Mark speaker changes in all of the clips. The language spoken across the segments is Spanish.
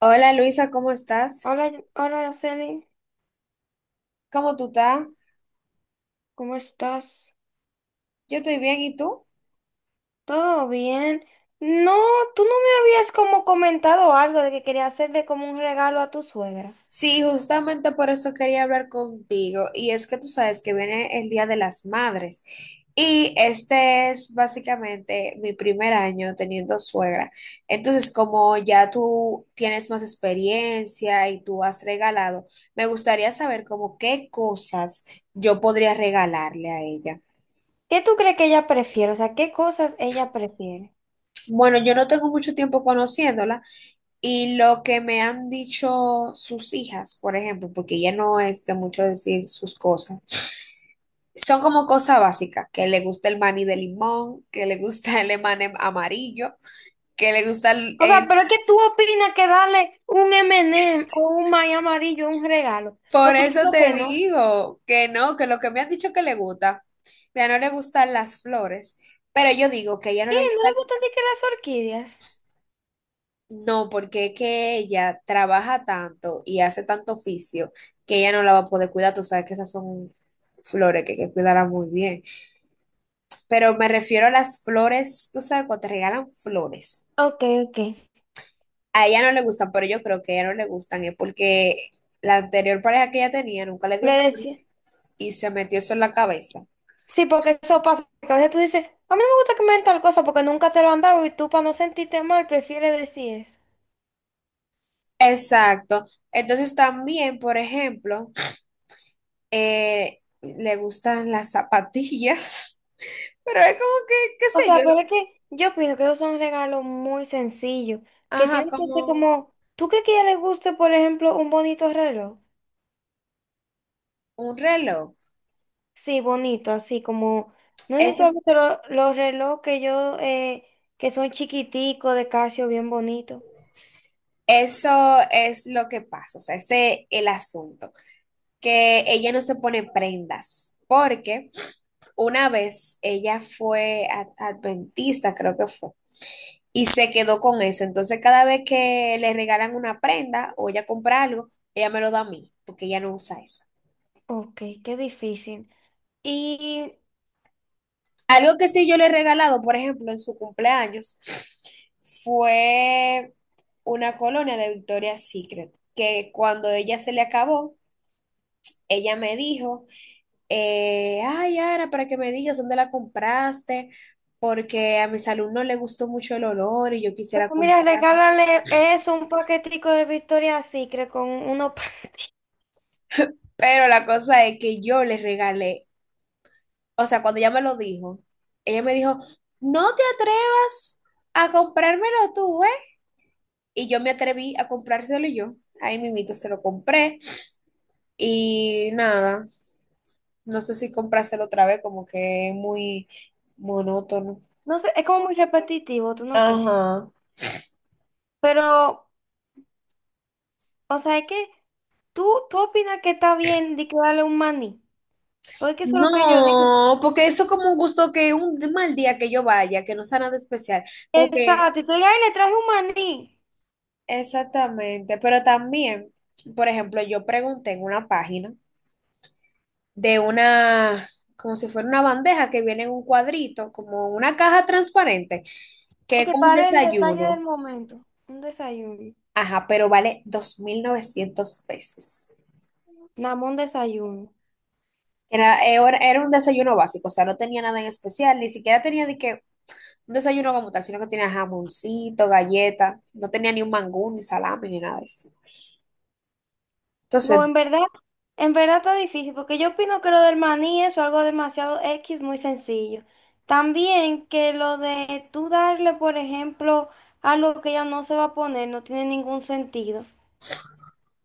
Speaker 1: Hola Luisa, ¿cómo estás?
Speaker 2: Hola, hola, Araceli,
Speaker 1: ¿Cómo tú estás?
Speaker 2: ¿cómo estás?
Speaker 1: Yo estoy bien, ¿y tú?
Speaker 2: ¿Todo bien? No, tú no me habías como comentado algo de que quería hacerle como un regalo a tu suegra.
Speaker 1: Sí, justamente por eso quería hablar contigo. Y es que tú sabes que viene el Día de las Madres. Y este es básicamente mi primer año teniendo suegra. Entonces, como ya tú tienes más experiencia y tú has regalado, me gustaría saber como qué cosas yo podría regalarle a ella.
Speaker 2: ¿Qué tú crees que ella prefiere? O sea, ¿qué cosas ella prefiere?
Speaker 1: Bueno, yo no tengo mucho tiempo conociéndola. Y lo que me han dicho sus hijas, por ejemplo, porque ella no es de mucho decir sus cosas, son como cosas básicas, que le gusta el maní de limón, que le gusta el emanem amarillo, que le gusta el,
Speaker 2: O sea,
Speaker 1: el-
Speaker 2: pero es que tú opinas que darle un M&M o un maíz amarillo es un regalo.
Speaker 1: Por
Speaker 2: Porque yo
Speaker 1: eso
Speaker 2: creo
Speaker 1: te
Speaker 2: que no.
Speaker 1: digo que no, que lo que me han dicho que le gusta, mira, no le gustan las flores, pero yo digo que a ella no
Speaker 2: ¿Qué?
Speaker 1: le
Speaker 2: ¿No
Speaker 1: gusta,
Speaker 2: le gustan ni que las orquídeas?
Speaker 1: no, porque es que ella trabaja tanto y hace tanto oficio que ella no la va a poder cuidar, tú sabes que esas son flores que hay que cuidarla muy bien. Pero me refiero a las flores, tú sabes, cuando te regalan flores.
Speaker 2: Ok, ok.
Speaker 1: A ella no le gustan, pero yo creo que a ella no le gustan, es porque la anterior pareja que ella tenía nunca le dio
Speaker 2: Le
Speaker 1: flores
Speaker 2: decía.
Speaker 1: y se metió eso en la cabeza.
Speaker 2: Sí, porque eso pasa, que a veces tú dices, a mí no me gusta que me den tal cosa porque nunca te lo han dado y tú para no sentirte mal prefieres decir eso.
Speaker 1: Exacto. Entonces también, por ejemplo, le gustan las zapatillas, pero es como que, qué
Speaker 2: O
Speaker 1: sé yo,
Speaker 2: sea, pero es que yo pienso que esos son regalos muy sencillos, que
Speaker 1: ajá,
Speaker 2: tienen que ser
Speaker 1: como
Speaker 2: como, ¿tú crees que a ella le guste, por ejemplo, un bonito reloj?
Speaker 1: un reloj.
Speaker 2: Sí, bonito, así como, no
Speaker 1: Ese
Speaker 2: necesito a
Speaker 1: es-
Speaker 2: veces los relojes que yo, que son chiquiticos, de Casio, bien bonitos.
Speaker 1: Eso es lo que pasa, o sea, ese es el asunto, que ella no se pone prendas, porque una vez ella fue adventista, creo que fue, y se quedó con eso. Entonces, cada vez que le regalan una prenda o ella compra algo, ella me lo da a mí, porque ella no usa eso.
Speaker 2: Ok, qué difícil. Y
Speaker 1: Algo que sí yo le he regalado, por ejemplo, en su cumpleaños, fue una colonia de Victoria's Secret, que cuando ella se le acabó, ella me dijo ay, Ara, para que me digas dónde la compraste, porque a mis alumnos les gustó mucho el olor y yo quisiera
Speaker 2: pero mira,
Speaker 1: comprar.
Speaker 2: regálale eso, un paquetico de Victoria's Secret con unos panties.
Speaker 1: Pero la cosa es que yo les regalé, o sea, cuando ella me lo dijo, ella me dijo, no te atrevas a comprármelo tú, ¿eh? Y yo me atreví a comprárselo yo. Ahí mimito se lo compré. Y nada, no sé si comprárselo otra vez, como que es muy monótono.
Speaker 2: No sé, es como muy repetitivo, ¿tú no crees?
Speaker 1: Ajá.
Speaker 2: Pero, o sea, es que tú opinas que está bien de que darle un maní. Porque eso es lo que yo digo.
Speaker 1: No, porque eso es como un gusto que un mal día que yo vaya, que no sea nada especial, como que
Speaker 2: Exacto, y tú digas, "Ay, le traje un maní".
Speaker 1: exactamente, pero también, por ejemplo, yo pregunté en una página de una, como si fuera una bandeja que viene en un cuadrito, como una caja transparente, que es
Speaker 2: Ok,
Speaker 1: como un
Speaker 2: para el detalle del
Speaker 1: desayuno,
Speaker 2: momento. Un desayuno.
Speaker 1: ajá, pero vale 2900 pesos.
Speaker 2: Nada más un desayuno.
Speaker 1: Era un desayuno básico, o sea, no tenía nada en especial, ni siquiera tenía de que un desayuno como tal, sino que tenía jamoncito, galleta, no tenía ni un mangú, ni salami, ni nada de eso. Entonces,
Speaker 2: Go, en verdad está difícil, porque yo opino que lo del maní es algo demasiado X, muy sencillo. También que lo de tú darle, por ejemplo, algo que ella no se va a poner, no tiene ningún sentido.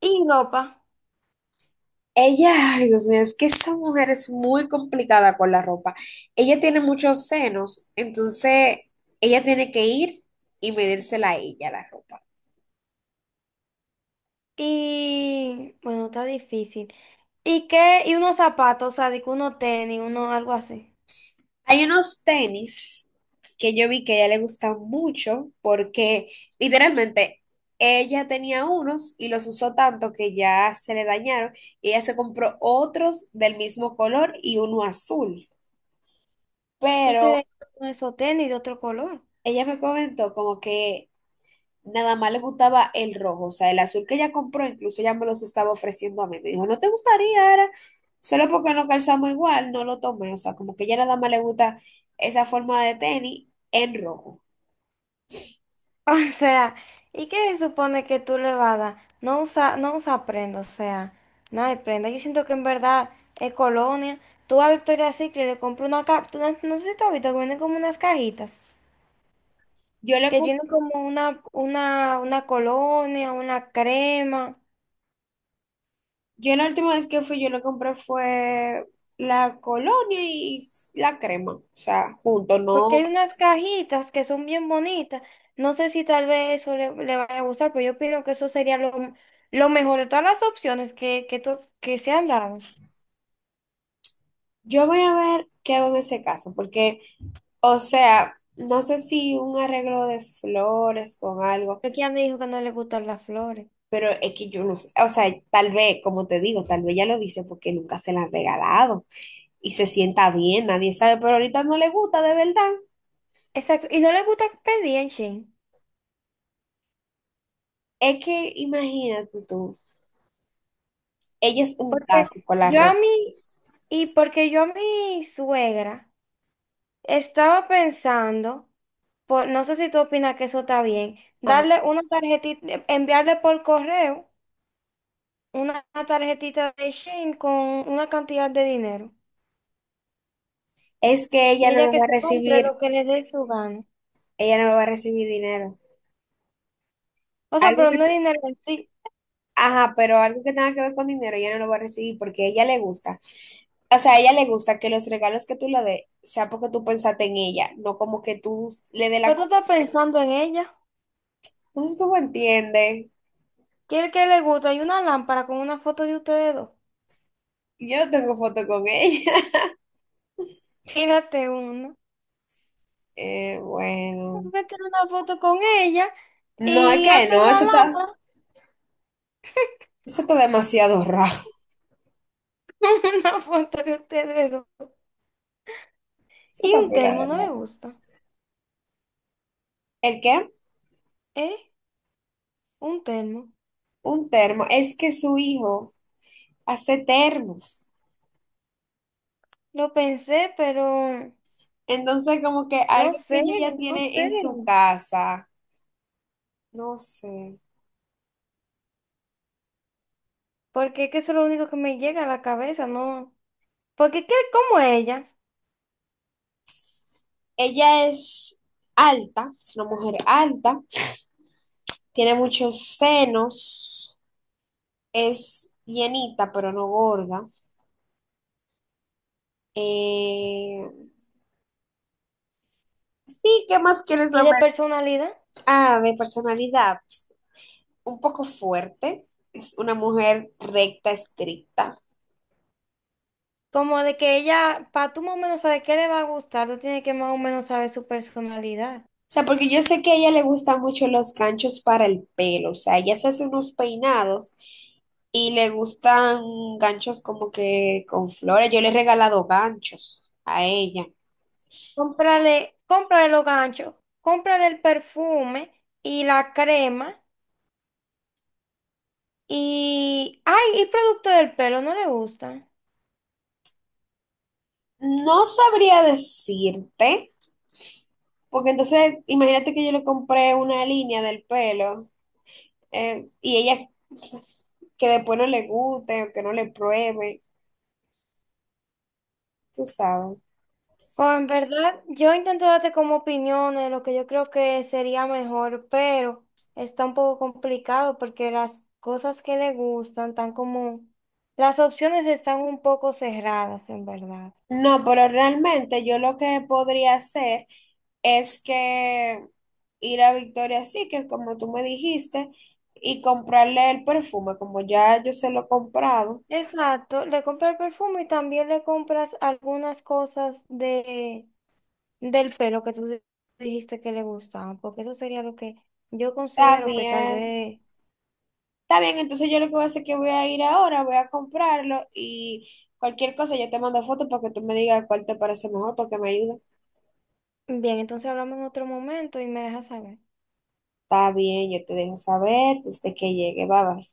Speaker 2: Y ropa.
Speaker 1: ella, ay, Dios mío, es que esa mujer es muy complicada con la ropa. Ella tiene muchos senos, entonces ella tiene que ir y medírsela a ella la ropa.
Speaker 2: Y bueno, está difícil. ¿Y qué? Y unos zapatos, o sea, de que uno tenis, uno algo así.
Speaker 1: Hay unos tenis que yo vi que a ella le gustan mucho porque literalmente ella tenía unos y los usó tanto que ya se le dañaron y ella se compró otros del mismo color y uno azul.
Speaker 2: Entonces,
Speaker 1: Pero
Speaker 2: de uno esos tenis de otro color.
Speaker 1: ella me comentó como que nada más le gustaba el rojo, o sea, el azul que ella compró, incluso ella me los estaba ofreciendo a mí. Me dijo, ¿no te gustaría? Era solo porque no calzamos igual, no lo tomé, o sea, como que ella nada más le gusta esa forma de tenis en rojo.
Speaker 2: O sea, ¿y qué se supone que tú le vas a dar? No usa prenda, o sea, nada de prenda. Yo siento que en verdad es colonia. Tú a Victoria's Secret le compras una caja, no, no sé si tú has visto, que vienen como unas cajitas,
Speaker 1: Yo le
Speaker 2: que
Speaker 1: comp-
Speaker 2: tienen como una colonia, una crema,
Speaker 1: yo la última vez que fui, yo le compré fue la colonia y la crema, o sea, juntos,
Speaker 2: porque hay
Speaker 1: no.
Speaker 2: unas cajitas que son bien bonitas. No sé si tal vez eso le vaya a gustar, pero yo opino que eso sería lo mejor de todas las opciones que se han dado.
Speaker 1: Yo voy a ver qué hago en ese caso, porque, o sea, no sé si un arreglo de flores con algo,
Speaker 2: Porque ya me dijo que no le gustan las flores.
Speaker 1: pero es que yo no sé, o sea, tal vez, como te digo, tal vez ya lo dice porque nunca se la han regalado y se sienta bien, nadie sabe, pero ahorita no le gusta de verdad.
Speaker 2: Exacto, y no le gusta pedir en Shein,
Speaker 1: Es que imagínate tú, ella es un
Speaker 2: porque
Speaker 1: clásico, la
Speaker 2: yo a
Speaker 1: ropa.
Speaker 2: mi, y porque yo a mi suegra estaba pensando, por, no sé si tú opinas que eso está bien,
Speaker 1: Ajá.
Speaker 2: darle una tarjetita, enviarle por correo una tarjetita de Shein con una cantidad de dinero,
Speaker 1: Es que ella
Speaker 2: y
Speaker 1: no me
Speaker 2: ella que
Speaker 1: va a
Speaker 2: se compre
Speaker 1: recibir,
Speaker 2: lo que le dé su gana.
Speaker 1: ella no me va a recibir dinero.
Speaker 2: O sea,
Speaker 1: Algo
Speaker 2: pero no es
Speaker 1: que,
Speaker 2: dinero en sí,
Speaker 1: ajá, pero algo que tenga que ver con dinero, ella no lo va a recibir porque a ella le gusta. O sea, a ella le gusta que los regalos que tú le des sea porque tú pensaste en ella, no como que tú le des la
Speaker 2: pero tú
Speaker 1: cosa.
Speaker 2: estás
Speaker 1: Porque...
Speaker 2: pensando en ella,
Speaker 1: No sé si tú me entiendes.
Speaker 2: quiere que le guste, hay una lámpara con una foto de ustedes dos.
Speaker 1: Yo tengo foto con ella.
Speaker 2: Tírate una.
Speaker 1: Bueno.
Speaker 2: Usted una foto con ella
Speaker 1: No, es
Speaker 2: y
Speaker 1: que
Speaker 2: hace
Speaker 1: no,
Speaker 2: una lámpara,
Speaker 1: eso está demasiado raro.
Speaker 2: una foto de ustedes dos.
Speaker 1: Eso
Speaker 2: Y
Speaker 1: está
Speaker 2: un
Speaker 1: pela
Speaker 2: termo,
Speaker 1: de
Speaker 2: ¿no le
Speaker 1: raro.
Speaker 2: gusta?
Speaker 1: ¿El qué?
Speaker 2: ¿Eh? Un termo.
Speaker 1: Un termo. Es que su hijo hace termos.
Speaker 2: Lo pensé, pero
Speaker 1: Entonces, como que
Speaker 2: no
Speaker 1: algo que
Speaker 2: sé,
Speaker 1: ella ya
Speaker 2: no
Speaker 1: tiene
Speaker 2: sé.
Speaker 1: en su casa, no sé.
Speaker 2: Porque es que eso es lo único que me llega a la cabeza, ¿no? Porque es que como ella,
Speaker 1: Ella es alta, es una mujer alta, tiene muchos senos, es llenita, pero no gorda. Eh, sí, ¿qué más quieres
Speaker 2: y de
Speaker 1: saber?
Speaker 2: personalidad,
Speaker 1: Ah, de personalidad, un poco fuerte, es una mujer recta, estricta.
Speaker 2: como de que ella, para tú más o menos saber qué le va a gustar, tú tienes que más o menos saber su personalidad.
Speaker 1: O sea, porque yo sé que a ella le gustan mucho los ganchos para el pelo, o sea, ella se hace unos peinados y le gustan ganchos como que con flores. Yo le he regalado ganchos a ella.
Speaker 2: Cómprale, cómprale los ganchos, cómprale el perfume y la crema. Y, ay, y producto del pelo, no le gustan.
Speaker 1: No sabría decirte, porque entonces imagínate que yo le compré una línea del pelo y ella que después no le guste o que no le pruebe, tú sabes.
Speaker 2: O en verdad, yo intento darte como opiniones lo que yo creo que sería mejor, pero está un poco complicado porque las cosas que le gustan tan como... Las opciones están un poco cerradas, en verdad.
Speaker 1: No, pero realmente yo lo que podría hacer es que ir a Victoria Secret, como tú me dijiste, y comprarle el perfume, como ya yo se lo he comprado.
Speaker 2: Exacto, le compras el perfume y también le compras algunas cosas de, del pelo que dijiste que le gustaban, porque eso sería lo que yo
Speaker 1: Está
Speaker 2: considero que tal
Speaker 1: bien,
Speaker 2: vez.
Speaker 1: está bien, entonces yo lo que voy a hacer es que voy a ir ahora, voy a comprarlo y cualquier cosa yo te mando fotos para que tú me digas cuál te parece mejor, porque me ayuda.
Speaker 2: Bien, entonces hablamos en otro momento y me dejas saber.
Speaker 1: Está bien, yo te dejo saber desde que llegue, bye bye.